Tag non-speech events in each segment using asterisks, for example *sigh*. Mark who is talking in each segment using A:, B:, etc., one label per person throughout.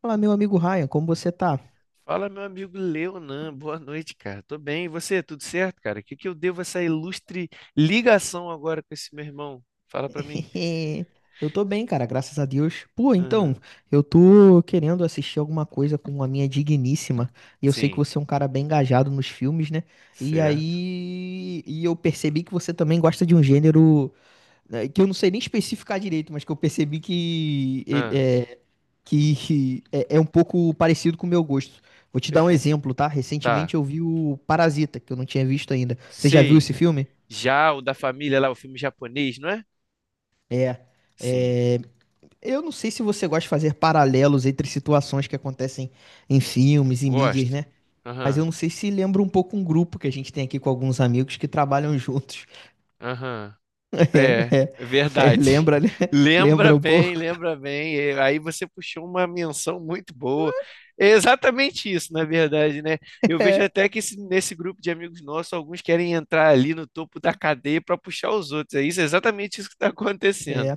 A: Fala, meu amigo Ryan, como você tá?
B: Fala, meu amigo Leonan, boa noite, cara. Tô bem, e você? Tudo certo, cara? O que que eu devo essa ilustre ligação agora com esse meu irmão? Fala pra mim.
A: *laughs* Eu tô bem, cara, graças a Deus. Pô, então,
B: Aham.
A: eu tô querendo assistir alguma coisa com a minha digníssima. E eu sei que
B: Sim,
A: você é um cara bem engajado nos filmes, né? E
B: certo.
A: aí. E eu percebi que você também gosta de um gênero, né, que eu não sei nem especificar direito, mas que eu percebi que
B: Ah,
A: *laughs* é um pouco parecido com o meu gosto. Vou te dar um
B: perfeito.
A: exemplo, tá?
B: Tá,
A: Recentemente eu vi o Parasita, que eu não tinha visto ainda. Você já viu
B: sei.
A: esse filme?
B: Já o da família lá, o filme japonês, não é?
A: É.
B: Sim,
A: É, eu não sei se você gosta de fazer paralelos entre situações que acontecem em filmes e mídias,
B: gosto.
A: né? Mas
B: Aham,
A: eu não sei se lembra um pouco um grupo que a gente tem aqui com alguns amigos que trabalham juntos. *laughs*
B: aham.
A: É,
B: É
A: é,
B: verdade.
A: lembra, né?
B: *laughs* Lembra
A: Lembra um
B: bem,
A: pouco?
B: lembra bem. E aí você puxou uma menção muito boa. É exatamente isso, na verdade, né? Eu vejo
A: É,
B: até que nesse grupo de amigos nossos, alguns querem entrar ali no topo da cadeia para puxar os outros. É isso, é exatamente isso que está acontecendo.
A: é.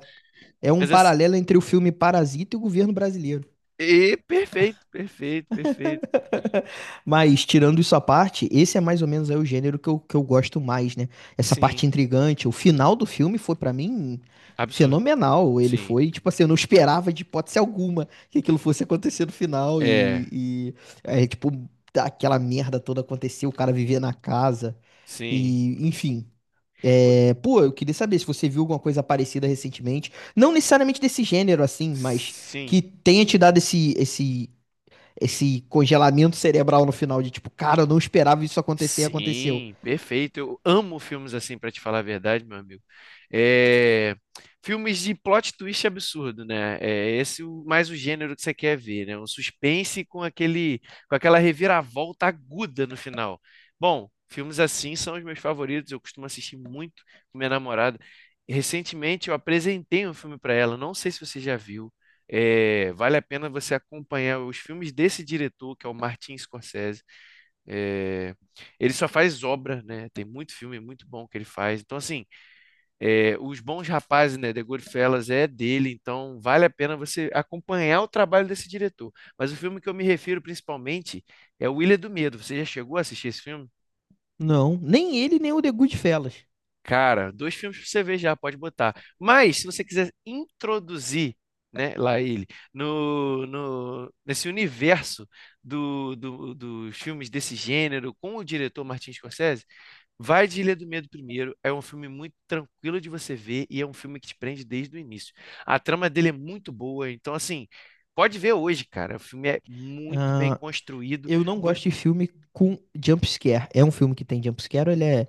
A: É um
B: Mas assim,
A: paralelo entre o filme Parasita e o governo brasileiro.
B: e perfeito, perfeito, perfeito.
A: *laughs* Mas, tirando isso à parte, esse é mais ou menos aí o gênero que eu gosto mais, né? Essa
B: Sim,
A: parte intrigante. O final do filme foi, pra mim,
B: absurdo.
A: fenomenal. Ele
B: Sim,
A: foi, tipo assim, eu não esperava de hipótese alguma que aquilo fosse acontecer no final.
B: é,
A: E é, tipo, aquela merda toda aconteceu, o cara vivia na casa.
B: sim,
A: E, enfim. É, pô, eu queria saber se você viu alguma coisa parecida recentemente. Não necessariamente desse gênero, assim, mas que
B: sim.
A: tenha te dado esse congelamento cerebral no final de tipo, cara, eu não esperava isso acontecer e aconteceu.
B: Sim, perfeito. Eu amo filmes assim, pra te falar a verdade, meu amigo. É, filmes de plot twist absurdo, né? É esse mais o gênero que você quer ver, né? Com aquela reviravolta aguda no final. Bom, filmes assim são os meus favoritos. Eu costumo assistir muito com minha namorada. Recentemente eu apresentei um filme pra ela. Não sei se você já viu. É, vale a pena você acompanhar os filmes desse diretor, que é o Martin Scorsese. É, Ele só faz obra, né? Tem muito filme muito bom que ele faz. Então, assim, Os Bons Rapazes, né? The Goodfellas é dele, então vale a pena você acompanhar o trabalho desse diretor. Mas o filme que eu me refiro principalmente é O Ilha do Medo. Você já chegou a assistir esse filme?
A: Não, nem ele, nem o The Goodfellas.
B: Cara, dois filmes pra você ver já, pode botar. Mas, se você quiser introduzir, né, lá ele, no, no, nesse universo dos filmes desse gênero com o diretor Martin Scorsese, vai de Ilha do Medo primeiro. É um filme muito tranquilo de você ver e é um filme que te prende desde o início. A trama dele é muito boa, então assim, pode ver hoje, cara. O filme é muito bem
A: Ah,
B: construído.
A: eu não
B: Vo-
A: gosto de filme com jump scare. É um filme que tem jump scare ou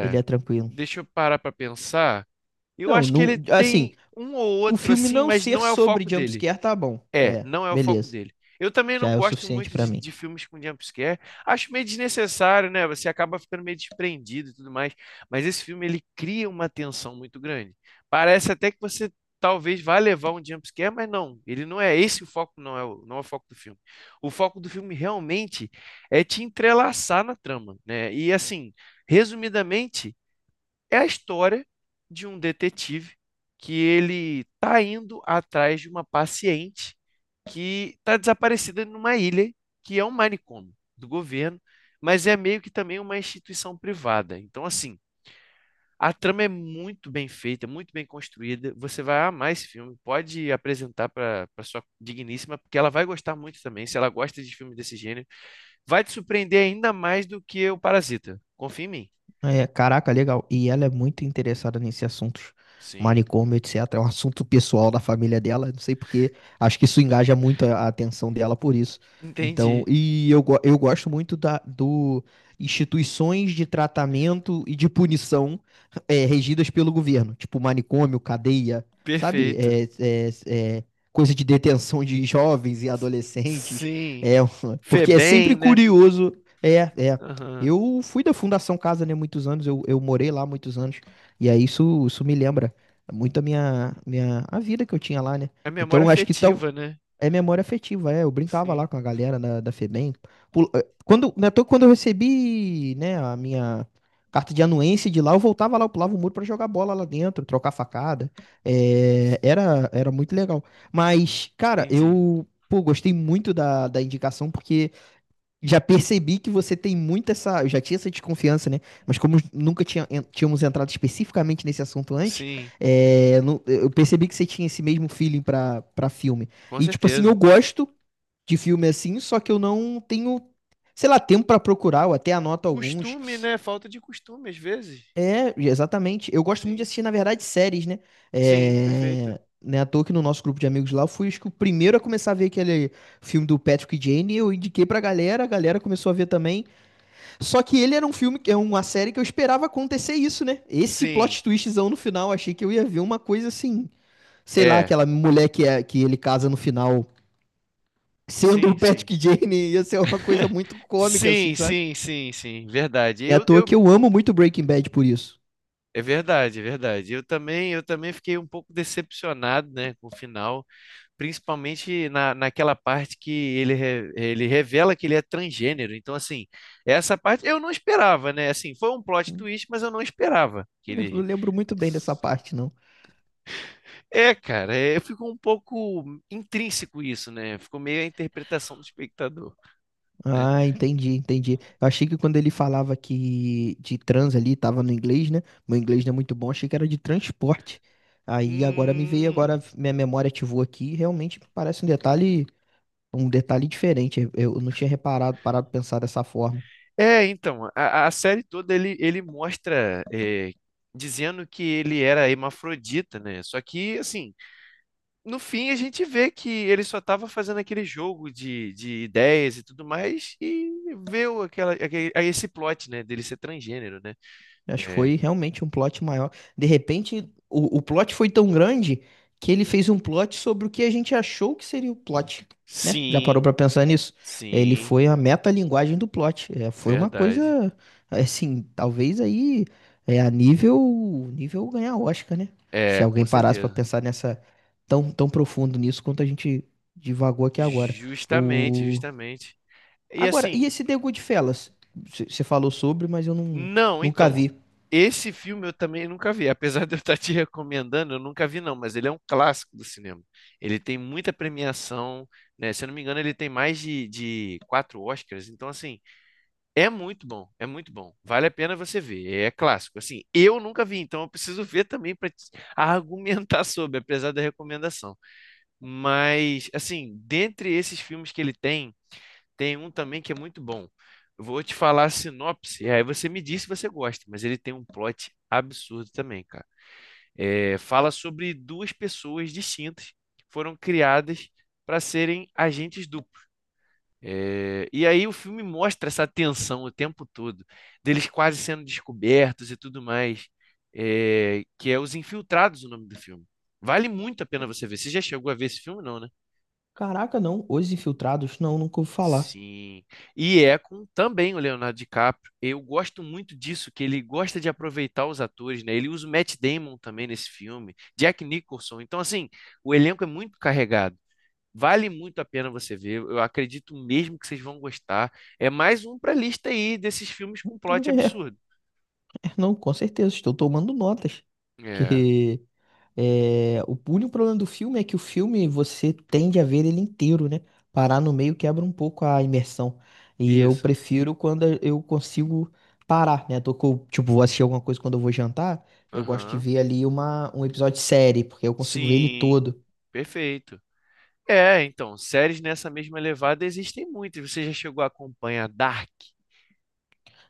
A: ele é tranquilo?
B: deixa eu parar pra pensar. Eu
A: Não,
B: acho que
A: não,
B: ele
A: assim,
B: tem um ou
A: o
B: outro
A: filme
B: assim,
A: não
B: mas
A: ser
B: não é o
A: sobre
B: foco
A: jump
B: dele.
A: scare tá bom.
B: É,
A: É,
B: não é o foco
A: beleza.
B: dele. Eu também não
A: Já é o
B: gosto
A: suficiente
B: muito
A: pra mim.
B: de filmes com jumpscare. Acho meio desnecessário, né? Você acaba ficando meio desprendido e tudo mais. Mas esse filme, ele cria uma tensão muito grande. Parece até que você talvez vá levar um jumpscare, mas não. Ele não é esse o foco, não é não é o foco do filme. O foco do filme realmente é te entrelaçar na trama, né? E assim, resumidamente, é a história de um detetive que ele tá indo atrás de uma paciente que está desaparecida numa ilha que é um manicômio do governo, mas é meio que também uma instituição privada. Então, assim, a trama é muito bem feita, muito bem construída. Você vai amar esse filme. Pode apresentar para sua digníssima, porque ela vai gostar muito também. Se ela gosta de filmes desse gênero, vai te surpreender ainda mais do que o Parasita. Confia em mim.
A: É, caraca, legal. E ela é muito interessada nesse assunto,
B: Sim,
A: manicômio, etc. É um assunto pessoal da família dela. Não sei porque, acho que isso engaja muito a atenção dela por isso. Então,
B: entendi.
A: eu gosto muito do instituições de tratamento e de punição, é, regidas pelo governo, tipo manicômio, cadeia, sabe?
B: Perfeito.
A: É coisa de detenção de jovens e
B: S-
A: adolescentes.
B: Sim.
A: É, *laughs* porque é
B: Febem,
A: sempre
B: né?
A: curioso. É, é.
B: Aham.
A: Eu fui da Fundação Casa, né, muitos anos, eu morei lá muitos anos, e aí isso me lembra muito a a vida que eu tinha lá, né?
B: É
A: Então,
B: memória
A: eu acho que
B: afetiva,
A: tal,
B: né?
A: é memória afetiva, é, eu brincava lá
B: Sim,
A: com a galera da FEBEM. Quando eu recebi, né, a minha carta de anuência de lá, eu voltava lá, eu pulava o muro pra jogar bola lá dentro, trocar facada, era muito legal. Mas, cara,
B: entendi.
A: eu, pô, gostei muito da indicação, porque... Já percebi que você tem muito essa. Eu já tinha essa desconfiança, né? Mas como nunca tinha- en- tínhamos entrado especificamente nesse assunto antes,
B: Sim,
A: eu percebi que você tinha esse mesmo feeling pra filme.
B: com
A: E, tipo assim, eu
B: certeza.
A: gosto de filme assim, só que eu não tenho, sei lá, tempo pra procurar, eu até anoto alguns.
B: Costume, né? Falta de costume, às vezes.
A: É, exatamente. Eu gosto muito de
B: Sim.
A: assistir, na verdade, séries, né?
B: Sim, perfeito.
A: É. Né, à toa que no nosso grupo de amigos lá, eu fui acho que o primeiro a começar a ver aquele filme do Patrick e Jane, eu indiquei pra galera, a galera começou a ver também. Só que ele era um filme, é uma série que eu esperava acontecer isso, né? Esse
B: Sim,
A: plot twistzão no final, achei que eu ia ver uma coisa assim, sei lá,
B: é.
A: aquela mulher que, é, que ele casa no final, sendo o
B: Sim, sim.
A: Patrick Jane, ia ser uma coisa
B: *laughs*
A: muito cômica, assim,
B: Sim,
A: sabe?
B: sim, sim, sim, verdade.
A: É à toa que eu amo muito Breaking Bad por isso.
B: É verdade, é verdade. Eu também fiquei um pouco decepcionado, né, com o final. Principalmente naquela parte que ele, ele revela que ele é transgênero. Então, assim, essa parte eu não esperava, né? Assim, foi um plot twist, mas eu não esperava que
A: Eu não
B: ele.
A: lembro muito bem dessa parte, não.
B: É, cara, é, ficou um pouco intrínseco isso, né? Ficou meio a interpretação do espectador, né?
A: Ah, entendi. Eu achei que quando ele falava que de trans ali, tava no inglês, né? Meu inglês não é muito bom, achei que era de transporte. Aí agora me veio, agora
B: Hum.
A: minha memória ativou aqui, realmente parece um detalhe diferente. Eu não tinha reparado, parado de pensar dessa forma.
B: É, então, a série toda ele mostra. Dizendo que ele era hermafrodita, né? Só que, assim, no fim a gente vê que ele só estava fazendo aquele jogo de ideias e tudo mais e veio aquela, aquele, a esse plot, né, dele ser transgênero, né?
A: Acho que
B: É,
A: foi realmente um plot maior. De repente, o plot foi tão grande que ele fez um plot sobre o que a gente achou que seria o plot, né? Já parou
B: sim,
A: pra pensar nisso? Ele
B: sim,
A: foi a metalinguagem do plot. É, foi uma
B: verdade.
A: coisa, assim, talvez aí é, nível ganhar Oscar, né? Se
B: É, com
A: alguém parasse pra
B: certeza.
A: pensar nessa tão profundo nisso quanto a gente divagou aqui agora.
B: Justamente,
A: O...
B: justamente. E
A: Agora, e
B: assim,
A: esse The Goodfellas? Você falou sobre, mas eu não,
B: não,
A: nunca
B: então,
A: vi.
B: esse filme eu também nunca vi, apesar de eu estar te recomendando, eu nunca vi não, mas ele é um clássico do cinema. Ele tem muita premiação, né? Se eu não me engano, ele tem mais de 4 Oscars, então assim, é muito bom, é muito bom. Vale a pena você ver. É clássico. Assim, eu nunca vi, então eu preciso *laughs* ver também para argumentar *laughs* sobre, apesar da recomendação. Mas, assim, dentre esses filmes que ele tem, tem um também que é muito bom. Eu vou te falar a sinopse, e aí você me diz se você gosta, mas ele tem um plot absurdo também, cara. É, fala sobre duas pessoas distintas que foram criadas para serem agentes duplos e aí o filme mostra essa tensão o tempo todo, deles quase sendo descobertos e tudo mais, é, que é Os Infiltrados, o nome do filme. Vale muito a pena você ver. Você já chegou a ver esse filme, não, né?
A: Caraca, não. Os Infiltrados? Não, nunca ouvi falar.
B: Sim. E é com também o Leonardo DiCaprio. Eu gosto muito disso, que ele gosta de aproveitar os atores, né? Ele usa o Matt Damon também nesse filme, Jack Nicholson. Então, assim, o elenco é muito carregado. Vale muito a pena você ver. Eu acredito mesmo que vocês vão gostar. É mais um pra lista aí desses filmes com plot
A: *laughs*
B: absurdo.
A: Não, com certeza. Estou tomando notas.
B: É,
A: Que é, o único problema do filme é que o filme você tende a ver ele inteiro, né? Parar no meio quebra um pouco a imersão. E eu
B: isso.
A: prefiro quando eu consigo parar, né? Tô com, tipo, vou assistir alguma coisa quando eu vou jantar. Eu gosto de
B: Aham.
A: ver ali um episódio de série, porque eu consigo ver ele
B: Sim,
A: todo.
B: perfeito. É, então, séries nessa mesma levada existem muitas. Você já chegou a acompanhar Dark?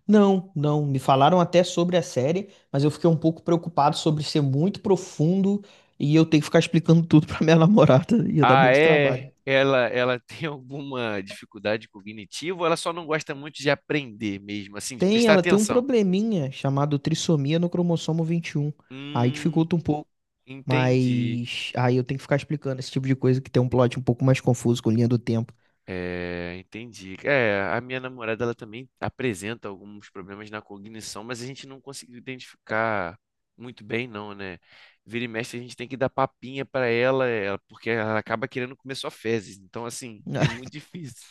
A: Não, não. Me falaram até sobre a série, mas eu fiquei um pouco preocupado sobre ser muito profundo e eu ter que ficar explicando tudo *laughs* pra minha namorada. Ia dar
B: Ah,
A: muito trabalho.
B: é? Ela *laughs* tem alguma dificuldade cognitiva ou ela só não gosta muito de aprender mesmo, assim, de
A: Tem,
B: prestar
A: ela tem um
B: atenção?
A: probleminha chamado trissomia no cromossomo 21. Aí
B: Hum,
A: dificulta um pouco,
B: entendi.
A: mas aí eu tenho que ficar explicando esse tipo de coisa que tem um plot um pouco mais confuso com linha do tempo.
B: É, entendi. É, a minha namorada ela também apresenta alguns problemas na cognição, mas a gente não conseguiu identificar muito bem, não, né? Vira e mexe, a gente tem que dar papinha para ela, ela- porque ela acaba querendo comer só fezes. Então, assim, é muito difícil.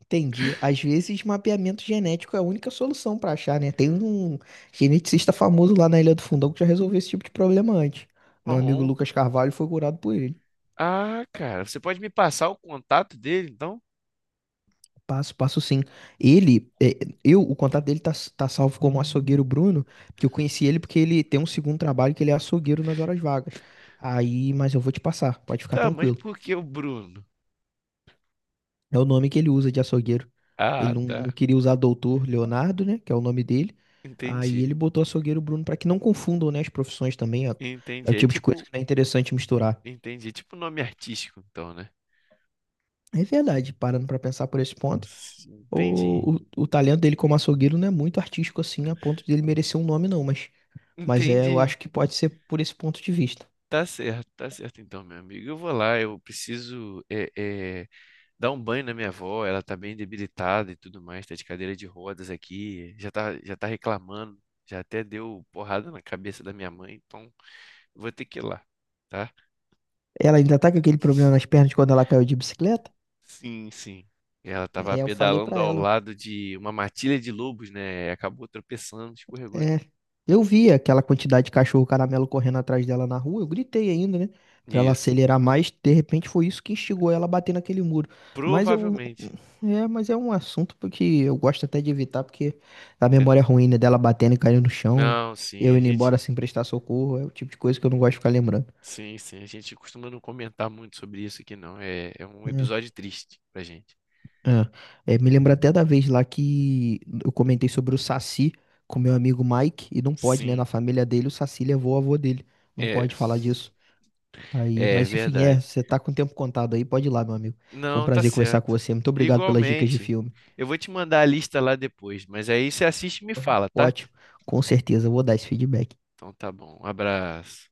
A: Entendi. Às vezes, mapeamento genético é a única solução para achar, né? Tem um geneticista famoso lá na Ilha do Fundão que já resolveu esse tipo de problema antes. Meu amigo
B: Bom,
A: Lucas Carvalho foi curado por ele.
B: ah, cara, você pode me passar o contato dele, então?
A: Passo sim. Ele, é, o contato dele tá salvo como açougueiro Bruno, que eu conheci ele porque ele tem um segundo trabalho que ele é açougueiro nas horas vagas. Aí, mas eu vou te passar, pode ficar
B: Tá, mas
A: tranquilo.
B: por que o Bruno?
A: É o nome que ele usa de açougueiro. Ele
B: Ah,
A: não, não
B: tá.
A: queria usar doutor Leonardo, né? Que é o nome dele. Aí
B: Entendi.
A: ele botou açougueiro Bruno para que não confundam, né, as profissões também. É, é o
B: Entendi. É
A: tipo de coisa
B: tipo,
A: que não é interessante misturar.
B: entendi. É tipo nome artístico, então, né?
A: É verdade, parando para pensar por esse ponto,
B: Sim. Entendi.
A: o talento dele como açougueiro não é muito artístico assim, a ponto dele merecer um nome, não. Mas é, eu
B: Entendi.
A: acho que pode ser por esse ponto de vista.
B: Tá certo então, meu amigo. Eu vou lá, eu preciso é, dar um banho na minha avó, ela tá bem debilitada e tudo mais, tá de cadeira de rodas aqui, já tá reclamando, já até deu porrada na cabeça da minha mãe, então eu vou ter que ir lá, tá?
A: Ela ainda tá com aquele problema nas pernas de quando ela caiu de bicicleta?
B: Sim, sim. Ela tava
A: É, eu falei
B: pedalando
A: para
B: ao
A: ela.
B: lado de uma matilha de lobos, né? Acabou tropeçando, escorregou.
A: É, eu vi aquela quantidade de cachorro caramelo correndo atrás dela na rua, eu gritei ainda, né? Pra ela
B: Isso.
A: acelerar mais, de repente foi isso que instigou ela a bater naquele muro. Mas eu.
B: Provavelmente.
A: É, mas é um assunto porque eu gosto até de evitar, porque a
B: É-
A: memória ruim, né, dela batendo e caindo no chão,
B: Não, sim,
A: eu
B: a
A: indo
B: gente.
A: embora sem prestar socorro, é o tipo de coisa que eu não gosto de ficar lembrando.
B: Sim, sim, a gente costuma não comentar muito sobre isso aqui, não. É, é um
A: É,
B: episódio triste pra gente.
A: é. É, me lembra até da vez lá que eu comentei sobre o Saci com meu amigo Mike, e não pode, né? Na
B: Sim,
A: família dele, o Saci levou o avô dele. Não
B: é,
A: pode falar disso. Aí,
B: é
A: mas enfim, é,
B: verdade.
A: você tá com o tempo contado aí, pode ir lá, meu amigo. Foi um
B: Não, tá
A: prazer conversar com
B: certo.
A: você. Muito obrigado pelas dicas de
B: Igualmente.
A: filme.
B: Eu vou te mandar a lista lá depois, mas aí você assiste e me fala, tá?
A: Ótimo, com certeza, eu vou dar esse feedback.
B: Então tá bom. Um abraço.